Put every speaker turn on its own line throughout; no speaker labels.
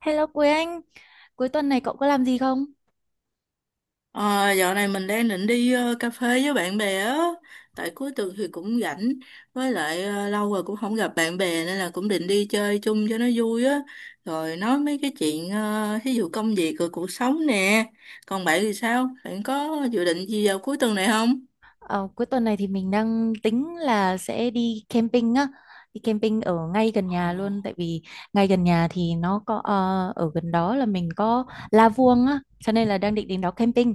Hello Quế Anh, cuối tuần này cậu có làm gì không?
Ờ, dạo này mình đang định đi cà phê với bạn bè á. Tại cuối tuần thì cũng rảnh. Với lại lâu rồi cũng không gặp bạn bè, nên là cũng định đi chơi chung cho nó vui á. Rồi nói mấy cái chuyện thí dụ công việc rồi cuộc sống nè. Còn bạn thì sao? Bạn có dự định gì vào cuối tuần này không?
Ờ, Cuối tuần này thì mình đang tính là sẽ đi camping á, đi camping ở ngay gần
Ồ.
nhà luôn, tại vì ngay gần nhà thì nó có ở gần đó là mình có La Vuông á, cho nên là đang định đến đó camping.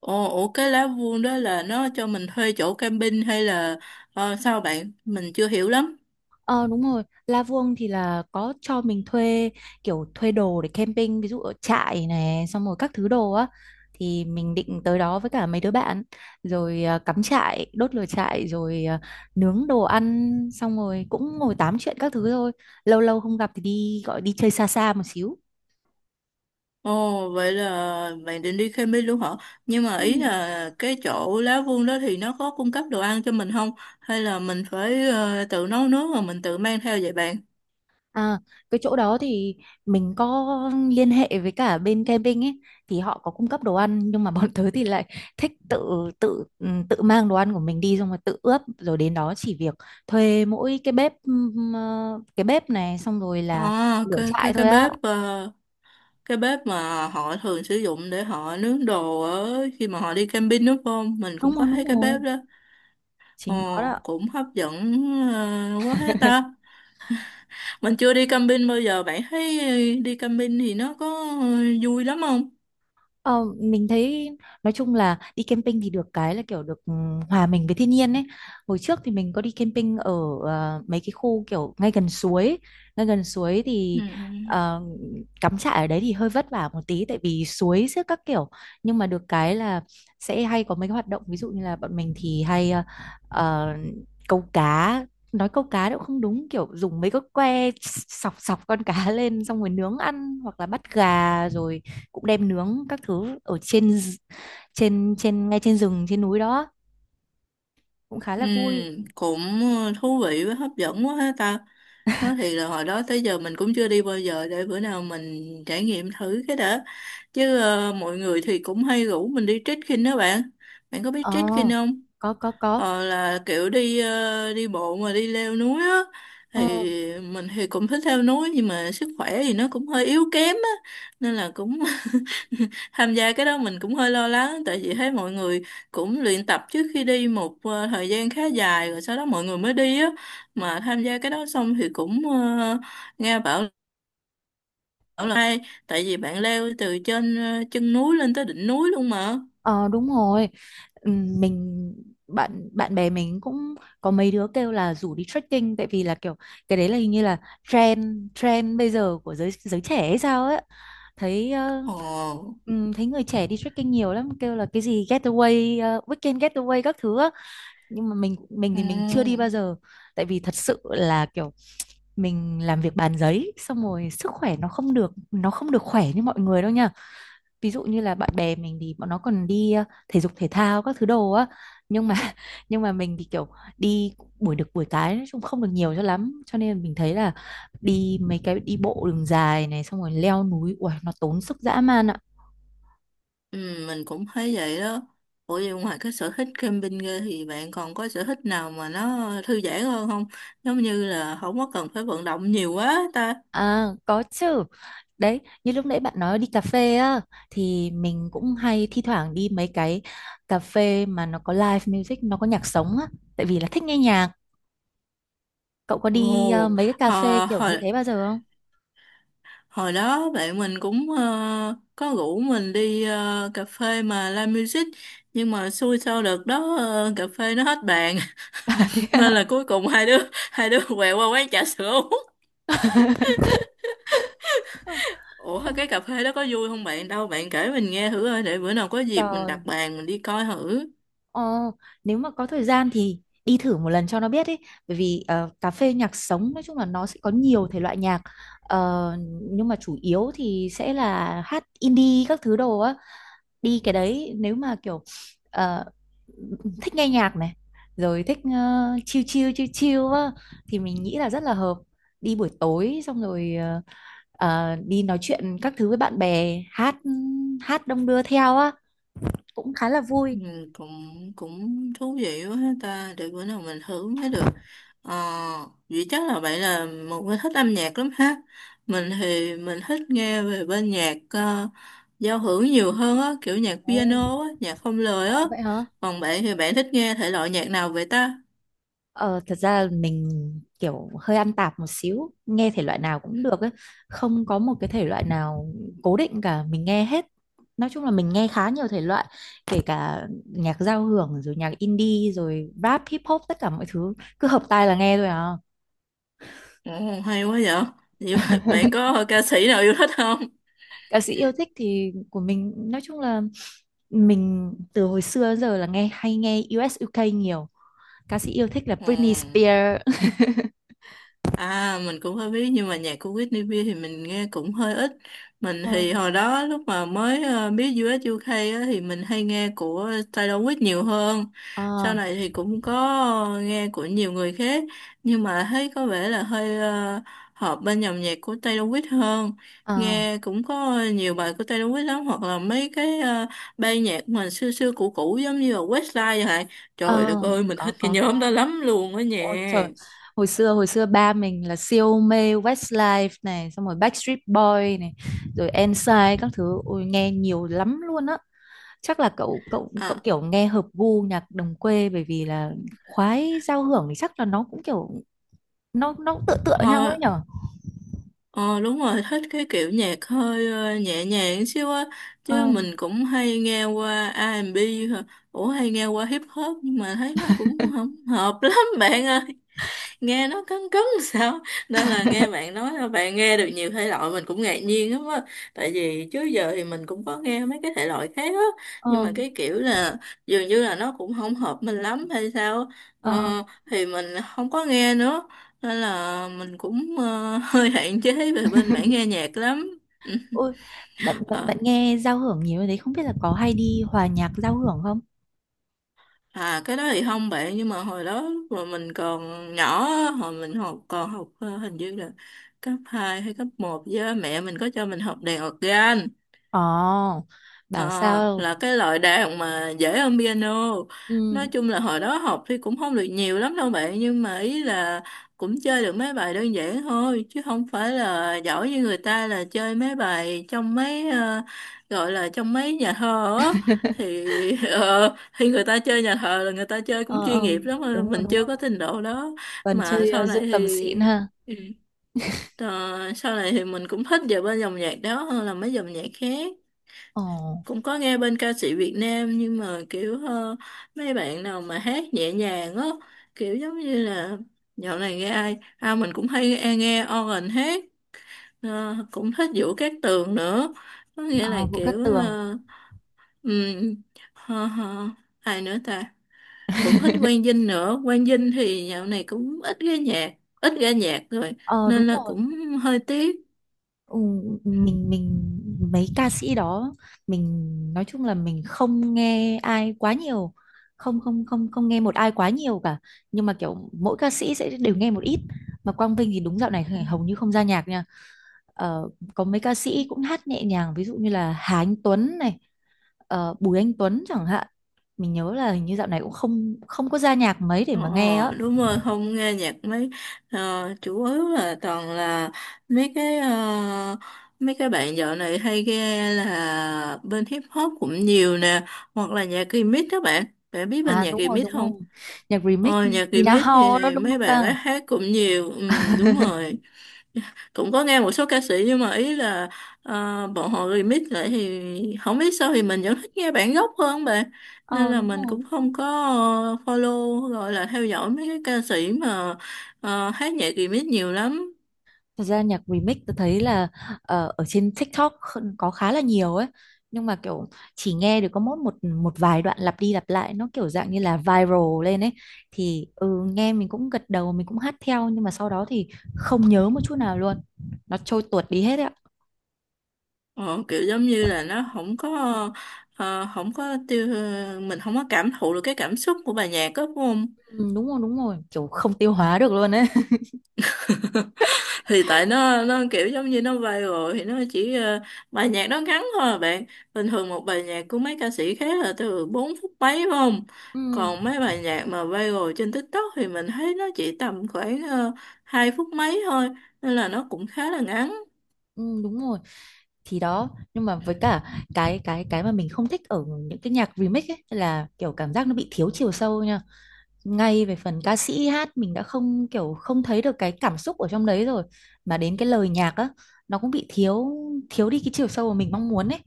Ồ, ủa cái lá vuông đó là nó cho mình thuê chỗ camping hay là sao bạn? Mình chưa hiểu lắm.
Ờ đúng rồi, La Vuông thì là có cho mình thuê kiểu thuê đồ để camping, ví dụ ở trại này, xong rồi các thứ đồ á thì mình định tới đó với cả mấy đứa bạn rồi à, cắm trại, đốt lửa trại rồi à, nướng đồ ăn xong rồi cũng ngồi tám chuyện các thứ thôi. Lâu lâu không gặp thì đi gọi đi chơi xa xa một xíu.
Ồ, vậy là bạn định đi camping luôn hả? Nhưng mà ý
Ừ.
là cái chỗ Lá Vương đó thì nó có cung cấp đồ ăn cho mình không? Hay là mình phải tự nấu nướng mà mình tự mang theo vậy bạn?
À, cái chỗ đó thì mình có liên hệ với cả bên camping ấy thì họ có cung cấp đồ ăn nhưng mà bọn tớ thì lại thích tự tự ừ, tự mang đồ ăn của mình đi xong rồi tự ướp rồi đến đó chỉ việc thuê mỗi cái bếp cái bếp này xong rồi là
À,
lửa trại thôi á.
cái bếp mà họ thường sử dụng để họ nướng đồ ở khi mà họ đi camping đúng không? Mình cũng
Đúng rồi
có
đúng
thấy cái bếp
rồi,
đó. Ồ,
chính nó đó.
cũng hấp dẫn quá ha ta. Mình chưa đi camping bao giờ. Bạn thấy đi camping thì nó có ờ, vui lắm không?
Ờ, mình thấy nói chung là đi camping thì được cái là kiểu được hòa mình với thiên nhiên ấy. Hồi trước thì mình có đi camping ở mấy cái khu kiểu ngay gần suối
Ừ.
thì
Ừ.
ờ, cắm trại ở đấy thì hơi vất vả một tí tại vì suối xếp các kiểu. Nhưng mà được cái là sẽ hay có mấy cái hoạt động ví dụ như là bọn mình thì hay ờ, câu cá, nói câu cá cũng không đúng kiểu dùng mấy cái que sọc sọc con cá lên xong rồi nướng ăn hoặc là bắt gà rồi cũng đem nướng các thứ ở trên trên trên ngay trên rừng trên núi đó cũng khá
Ừ,
là vui.
cũng thú vị với hấp dẫn quá ha ta. Nói thiệt là hồi đó tới giờ mình cũng chưa đi bao giờ để bữa nào mình trải nghiệm thử cái đã. Chứ mọi người thì cũng hay rủ mình đi trekking đó bạn. Bạn có biết
Ờ,
trekking không?
có có.
Là kiểu đi đi bộ mà đi leo núi á. Thì
ờ,
mình thì cũng thích leo núi nhưng mà sức khỏe thì nó cũng hơi yếu kém á. Nên là cũng tham gia cái đó mình cũng hơi lo lắng tại vì thấy mọi người cũng luyện tập trước khi đi một thời gian khá dài rồi sau đó mọi người mới đi á, mà tham gia cái đó xong thì cũng nghe bảo là hay tại vì bạn leo từ trên chân núi lên tới đỉnh núi luôn mà.
ờ đúng rồi. Mình bạn bạn bè mình cũng có mấy đứa kêu là rủ đi trekking tại vì là kiểu cái đấy là hình như là trend trend bây giờ của giới giới trẻ hay sao ấy, thấy
Ồ.
thấy người trẻ đi trekking nhiều lắm kêu là cái gì getaway weekend getaway các thứ á. Nhưng mà mình thì mình chưa đi
Ừ.
bao giờ tại vì thật sự là kiểu mình làm việc bàn giấy xong rồi sức khỏe nó không được khỏe như mọi người đâu nha, ví dụ như là bạn bè mình thì bọn nó còn đi thể dục thể thao các thứ đồ á, nhưng mà nhưng mà mình thì kiểu đi buổi được buổi cái nói chung không được nhiều cho lắm, cho nên mình thấy là đi mấy cái đi bộ đường dài này xong rồi leo núi uầy, nó tốn sức dã man ạ.
Ừ, mình cũng thấy vậy đó. Ủa vậy ngoài cái sở thích camping ra thì bạn còn có sở thích nào mà nó thư giãn hơn không? Giống như là không có cần phải vận động nhiều quá ta.
À, có chứ. Đấy, như lúc nãy bạn nói đi cà phê á, thì mình cũng hay thi thoảng đi mấy cái cà phê mà nó có live music, nó có nhạc sống á, tại vì là thích nghe nhạc. Cậu có đi
Ồ,
mấy cái cà phê
hồi,
kiểu như
hồi,
thế bao giờ không?
Hồi đó bạn mình cũng có rủ mình đi cà phê mà live music, nhưng mà xui sao đợt đó cà phê nó hết bàn, nên là cuối cùng hai đứa hai đứa quẹo qua quán trà sữa uống. Ủa cái
Không.
cà phê đó có vui không bạn? Đâu bạn kể mình nghe thử ơi để bữa nào có dịp mình
Trời.
đặt bàn mình đi coi thử.
Ờ, nếu mà có thời gian thì đi thử một lần cho nó biết ý. Bởi vì cà phê nhạc sống nói chung là nó sẽ có nhiều thể loại nhạc. Ờ, nhưng mà chủ yếu thì sẽ là hát indie các thứ đồ á, đi cái đấy nếu mà kiểu ờ, thích nghe nhạc này rồi thích chill chill chill chill á, thì mình nghĩ là rất là hợp, đi buổi tối xong rồi đi nói chuyện các thứ với bạn bè, hát hát đông đưa theo á cũng khá là vui.
Ừ, cũng cũng thú vị quá ha ta, để bữa nào mình thử mới được. Ờ, vậy chắc là vậy là một người thích âm nhạc lắm ha. Mình thì mình thích nghe về bên nhạc giao hưởng nhiều hơn á, kiểu nhạc
Ồ,
piano á, nhạc không lời á.
có vậy hả?
Còn bạn thì bạn thích nghe thể loại nhạc nào vậy ta?
Ờ, thật ra mình kiểu hơi ăn tạp một xíu, nghe thể loại nào cũng được ấy, không có một cái thể loại nào cố định cả, mình nghe hết. Nói chung là mình nghe khá nhiều thể loại, kể cả nhạc giao hưởng rồi nhạc indie rồi rap, hip hop tất cả mọi thứ, cứ hợp tai là nghe thôi à.
Ồ, hay quá vậy. Vậy mà bạn có ca sĩ nào yêu thích không?
Ca sĩ yêu thích thì của mình nói chung là mình từ hồi xưa đến giờ là nghe US UK nhiều. Ca sĩ yêu thích là
Ừ.
Britney Spears.
À mình cũng hơi biết nhưng mà nhạc của Whitney Bieber thì mình nghe cũng hơi ít. Mình
Ờ,
thì hồi đó lúc mà mới biết US UK á, thì mình hay nghe của Taylor Swift nhiều hơn.
ờ,
Sau này thì cũng có nghe của nhiều người khác nhưng mà thấy có vẻ là hơi hợp bên dòng nhạc của Taylor Swift hơn.
ờ,
Nghe cũng có nhiều bài của Taylor Swift lắm hoặc là mấy cái ban nhạc mà xưa xưa cũ cũ giống như là Westlife vậy. Trời đất
ờ,
ơi mình thích cái
có
nhóm
có.
đó lắm luôn á nha.
Ôi trời, hồi xưa ba mình là siêu mê Westlife này, xong rồi Backstreet Boy này, rồi Ensign các thứ, ôi nghe nhiều lắm luôn á. Chắc là cậu cậu cậu
À,
kiểu nghe hợp gu nhạc đồng quê, bởi vì là khoái giao hưởng thì chắc là nó cũng kiểu nó cũng tựa tựa nhau
thôi.
ấy nhở.
Ờ đúng rồi, thích cái kiểu nhạc hơi nhẹ nhàng xíu á.
Ờ
Chứ mình cũng hay nghe qua R&B, hả? Ủa hay nghe qua hip hop, nhưng mà thấy nó cũng không hợp lắm bạn ơi, nghe nó cấn cấn sao, nên là nghe bạn nói là bạn nghe được nhiều thể loại mình cũng ngạc nhiên lắm á. Tại vì trước giờ thì mình cũng có nghe mấy cái thể loại khác á, nhưng
ờ
mà cái kiểu là dường như là nó cũng không hợp mình lắm hay sao á. ờ,
ờ
thì mình không có nghe nữa nên là mình cũng hơi hạn chế về bên mảng nghe nhạc lắm. Ừ.
ôi, bạn bạn
Ờ,
bạn nghe giao hưởng nhiều như thế không biết là có hay đi hòa nhạc giao hưởng không?
À, cái đó thì không bạn, nhưng mà hồi đó lúc mà mình còn nhỏ á, hồi mình học còn học hình như là cấp 2 hay cấp một với mẹ mình có cho mình học đàn organ.
Ồ, bảo
Ờ,
sao?
là cái loại đàn mà dễ hơn piano. Nói
Ừ,
chung là hồi đó học thì cũng không được nhiều lắm đâu bạn, nhưng mà ý là cũng chơi được mấy bài đơn giản thôi, chứ không phải là giỏi như người ta là chơi mấy bài trong mấy gọi là trong mấy nhà thờ á. Thì ờ, thì người ta chơi nhà thờ là người ta chơi
ờ
cũng
ờ
chuyên nghiệp lắm, mà
đúng rồi
mình
đúng
chưa
rồi.
có trình độ đó.
Vân
Mà
chơi
sau này
dương cầm xịn
thì
ha.
ừ, mình cũng thích về bên dòng nhạc đó hơn là mấy dòng nhạc khác.
Ồ,
Cũng có nghe bên ca sĩ Việt Nam, nhưng mà kiểu mấy bạn nào mà hát nhẹ nhàng á, kiểu giống như là dạo này nghe ai à, mình cũng hay nghe Oren hát, cũng thích Vũ Cát Tường nữa, có nghĩa là
ờ, Vũ Cát
kiểu
Tường.
um, hờ, hờ, ai nữa ta, cũng thích Quang Dinh nữa. Quang Dinh thì dạo này cũng ít ra nhạc, ít ra nhạc rồi,
Ờ
nên
đúng
là
rồi.
cũng hơi tiếc.
Ừ, mình mấy ca sĩ đó mình nói chung là mình không nghe ai quá nhiều. Không không không không nghe một ai quá nhiều cả. Nhưng mà kiểu mỗi ca sĩ sẽ đều nghe một ít. Mà Quang Vinh thì đúng dạo này hầu như không ra nhạc nha. Ờ, có mấy ca sĩ cũng hát nhẹ nhàng ví dụ như là Hà Anh Tuấn này, Bùi Anh Tuấn chẳng hạn. Mình nhớ là hình như dạo này cũng không không có ra nhạc mấy để
Ờ,
mà nghe á.
đúng rồi, không nghe nhạc mấy, ờ, chủ yếu là toàn là mấy cái ờ, mấy cái bạn dạo này hay nghe là bên hip hop cũng nhiều nè, hoặc là nhạc remix đó bạn. Bạn biết bên
À
nhạc
đúng rồi
remix
đúng
không?
rồi. Nhạc remix
Nhạc
Tina
remix
Hall đó
thì
đúng
mấy
không
bạn
ta?
ấy hát cũng nhiều, ừ, đúng rồi. Cũng có nghe một số ca sĩ nhưng mà ý là bọn họ remix lại thì không biết sao, thì mình vẫn thích nghe bản gốc hơn bạn, nên
Ờ
là
đúng
mình
rồi.
cũng không có follow, gọi là theo dõi mấy cái ca sĩ mà hát nhạc remix nhiều lắm.
Thật ra nhạc remix tôi thấy là ở trên TikTok có khá là nhiều ấy. Nhưng mà kiểu chỉ nghe được có mỗi một một vài đoạn lặp đi lặp lại, nó kiểu dạng như là viral lên ấy. Thì nghe mình cũng gật đầu mình cũng hát theo, nhưng mà sau đó thì không nhớ một chút nào luôn, nó trôi tuột đi hết ấy ạ.
Ờ, kiểu giống như là nó không có không có tiêu mình không có cảm thụ được cái cảm xúc của bài nhạc đó đúng không?
Ừ, Đúng rồi đúng rồi, kiểu không tiêu hóa được luôn ấy.
Thì tại nó kiểu giống như nó viral thì nó chỉ bài nhạc nó ngắn thôi à bạn. Bình thường một bài nhạc của mấy ca sĩ khác là từ 4 phút mấy phải không?
Ừ,
Còn mấy bài nhạc mà viral trên TikTok thì mình thấy nó chỉ tầm khoảng uh, 2 phút mấy thôi, nên là nó cũng khá là ngắn.
ừ, đúng rồi, thì đó nhưng mà với cả cái mà mình không thích ở những cái nhạc remix ấy là kiểu cảm giác nó bị thiếu chiều sâu nha, ngay về phần ca sĩ hát mình đã không kiểu không thấy được cái cảm xúc ở trong đấy rồi, mà đến cái lời nhạc á nó cũng bị thiếu, thiếu đi cái chiều sâu mà mình mong muốn ấy.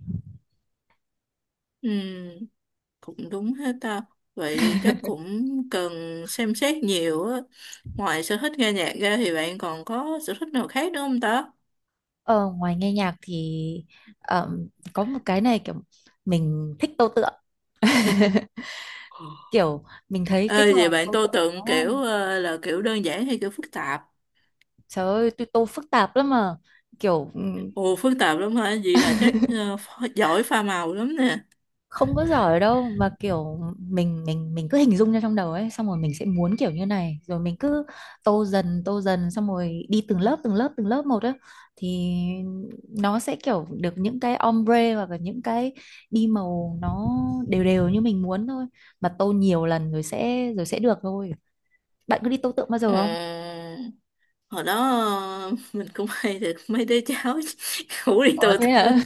Ừ, cũng đúng hết ta. Vậy chắc cũng cần xem xét nhiều á. Ngoài sở thích nghe nhạc ra thì bạn còn có sở thích nào khác nữa không ta?
Ờ, Ngoài nghe nhạc thì có một cái này kiểu mình thích tô tượng, kiểu mình thấy cái
Ê,
trò
vậy bạn
tô
tô
tượng nó,
tượng kiểu là kiểu đơn giản hay kiểu phức tạp?
trời ơi tôi tô phức tạp lắm mà, kiểu
Ồ, phức tạp lắm hả? Vậy là chắc giỏi pha màu lắm nè.
không có giỏi đâu, mà kiểu mình cứ hình dung ra trong đầu ấy xong rồi mình sẽ muốn kiểu như này rồi mình cứ tô dần xong rồi đi từng lớp từng lớp một á, thì nó sẽ kiểu được những cái ombre hoặc là những cái đi màu nó đều đều như mình muốn thôi, mà tô nhiều lần rồi rồi sẽ được thôi. Bạn cứ đi tô tượng bao
Ờ,
giờ không?
hồi đó mình cũng hay được mấy đứa cháu ngủ đi
Ủa
tô
thế
tượng.
hả?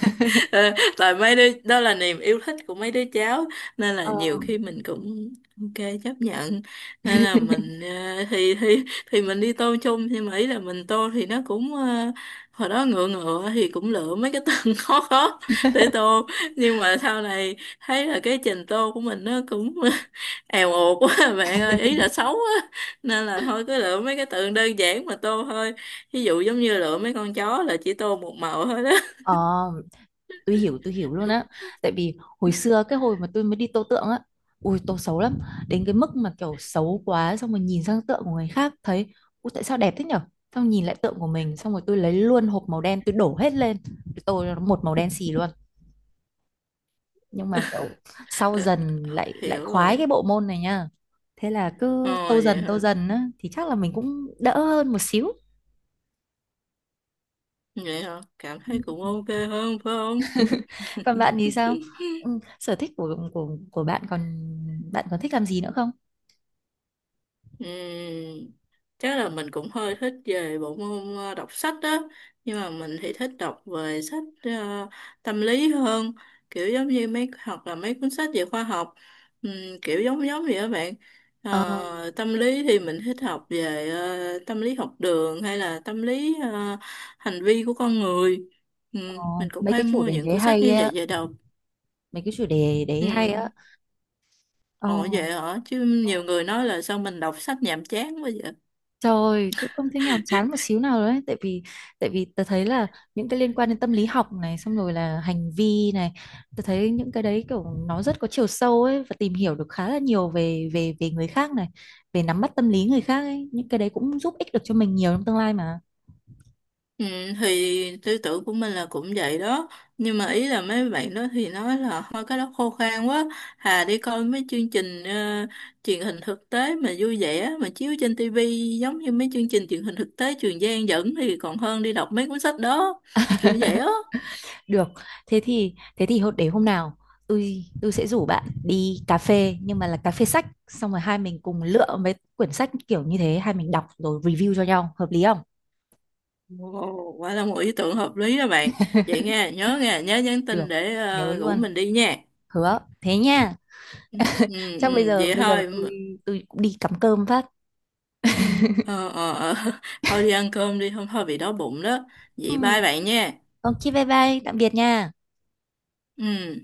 Tại mấy đứa đó là niềm yêu thích của mấy đứa cháu, nên là
Ờ,
nhiều khi mình cũng ok chấp nhận, nên là mình thì mình đi tô chung, nhưng mà ý là mình tô thì nó cũng hồi đó ngựa ngựa thì cũng lựa mấy cái từ khó khó để tô, nhưng mà sau này thấy là cái trình tô của mình nó cũng èo uột quá bạn ơi, ý là xấu á, nên là thôi cứ lựa mấy cái từ đơn giản mà tô thôi, ví dụ giống như lựa mấy con chó là chỉ tô một màu thôi đó
ờ, tôi hiểu luôn á, tại vì hồi xưa cái hồi mà tôi mới đi tô tượng á, ui tô xấu lắm, đến cái mức mà kiểu xấu quá xong rồi nhìn sang tượng của người khác thấy ui tại sao đẹp thế nhở, xong nhìn lại tượng của mình xong rồi tôi lấy luôn hộp màu đen tôi đổ hết lên tôi tô cho nó một màu đen xì luôn. Nhưng mà kiểu sau
Ừ,
dần lại lại
hiểu
khoái cái
rồi.
bộ môn này nha, thế là cứ
Ờ vậy
tô
hả?
dần á thì chắc là mình cũng đỡ hơn một xíu.
Vậy hả? Cảm
Ừ.
thấy cũng ok hơn phải không?
Còn bạn thì sao? Ừ, sở thích của bạn còn, bạn còn thích làm gì nữa không?
Ừm, chắc là mình cũng hơi thích về bộ môn đọc sách đó. Nhưng mà mình thì thích đọc về sách tâm lý hơn. Kiểu giống như mấy hoặc là mấy cuốn sách về khoa học. Ừm, kiểu giống giống vậy các bạn.
Ờ,
Tâm lý thì mình thích học về tâm lý học đường hay là tâm lý hành vi của con người. Ừm,
Ờ,
mình cũng
mấy
hay
cái chủ
mua
đề
những
đấy
cuốn sách
hay
như
á,
vậy về đọc.
mấy cái chủ đề đấy hay
Ừ.
á ờ,
Ồ vậy hả? Chứ nhiều người nói là sao mình đọc sách nhàm chán quá vậy?
trời tôi không thấy nhàm chán một xíu nào đấy, tại vì tôi thấy là những cái liên quan đến tâm lý học này xong rồi là hành vi này, tôi thấy những cái đấy kiểu nó rất có chiều sâu ấy và tìm hiểu được khá là nhiều về về về người khác này, về nắm bắt tâm lý người khác ấy, những cái đấy cũng giúp ích được cho mình nhiều trong tương lai mà.
Ừ, thì tư tưởng của mình là cũng vậy đó. Nhưng mà ý là mấy bạn đó thì nói là thôi cái đó khô khan quá. Hà đi coi mấy chương trình truyền hình thực tế mà vui vẻ mà chiếu trên tivi giống như mấy chương trình truyền hình thực tế Trường Giang dẫn thì còn hơn đi đọc mấy cuốn sách đó. Kiểu vậy á.
Được, thế thì để hôm nào tôi sẽ rủ bạn đi cà phê nhưng mà là cà phê sách xong rồi hai mình cùng lựa mấy quyển sách kiểu như thế hai mình đọc rồi review cho nhau hợp lý không?
Ồ, quả là một ý tưởng hợp lý đó bạn. Vậy nghe, nhớ nhắn
Được,
tin để
nhớ
rủ
luôn,
mình đi nha.
hứa. Thế nha.
Ừ,
Chắc bây
ừ,
giờ
vậy
bây giờ
thôi.
tôi cũng đi cắm cơm phát.
Ờ, ờ, ờ. Thôi đi ăn cơm đi, hôm thôi bị đói bụng đó. Vậy bye
Ừ,
bạn nha.
ok bye bye, tạm biệt nha.
Ừ.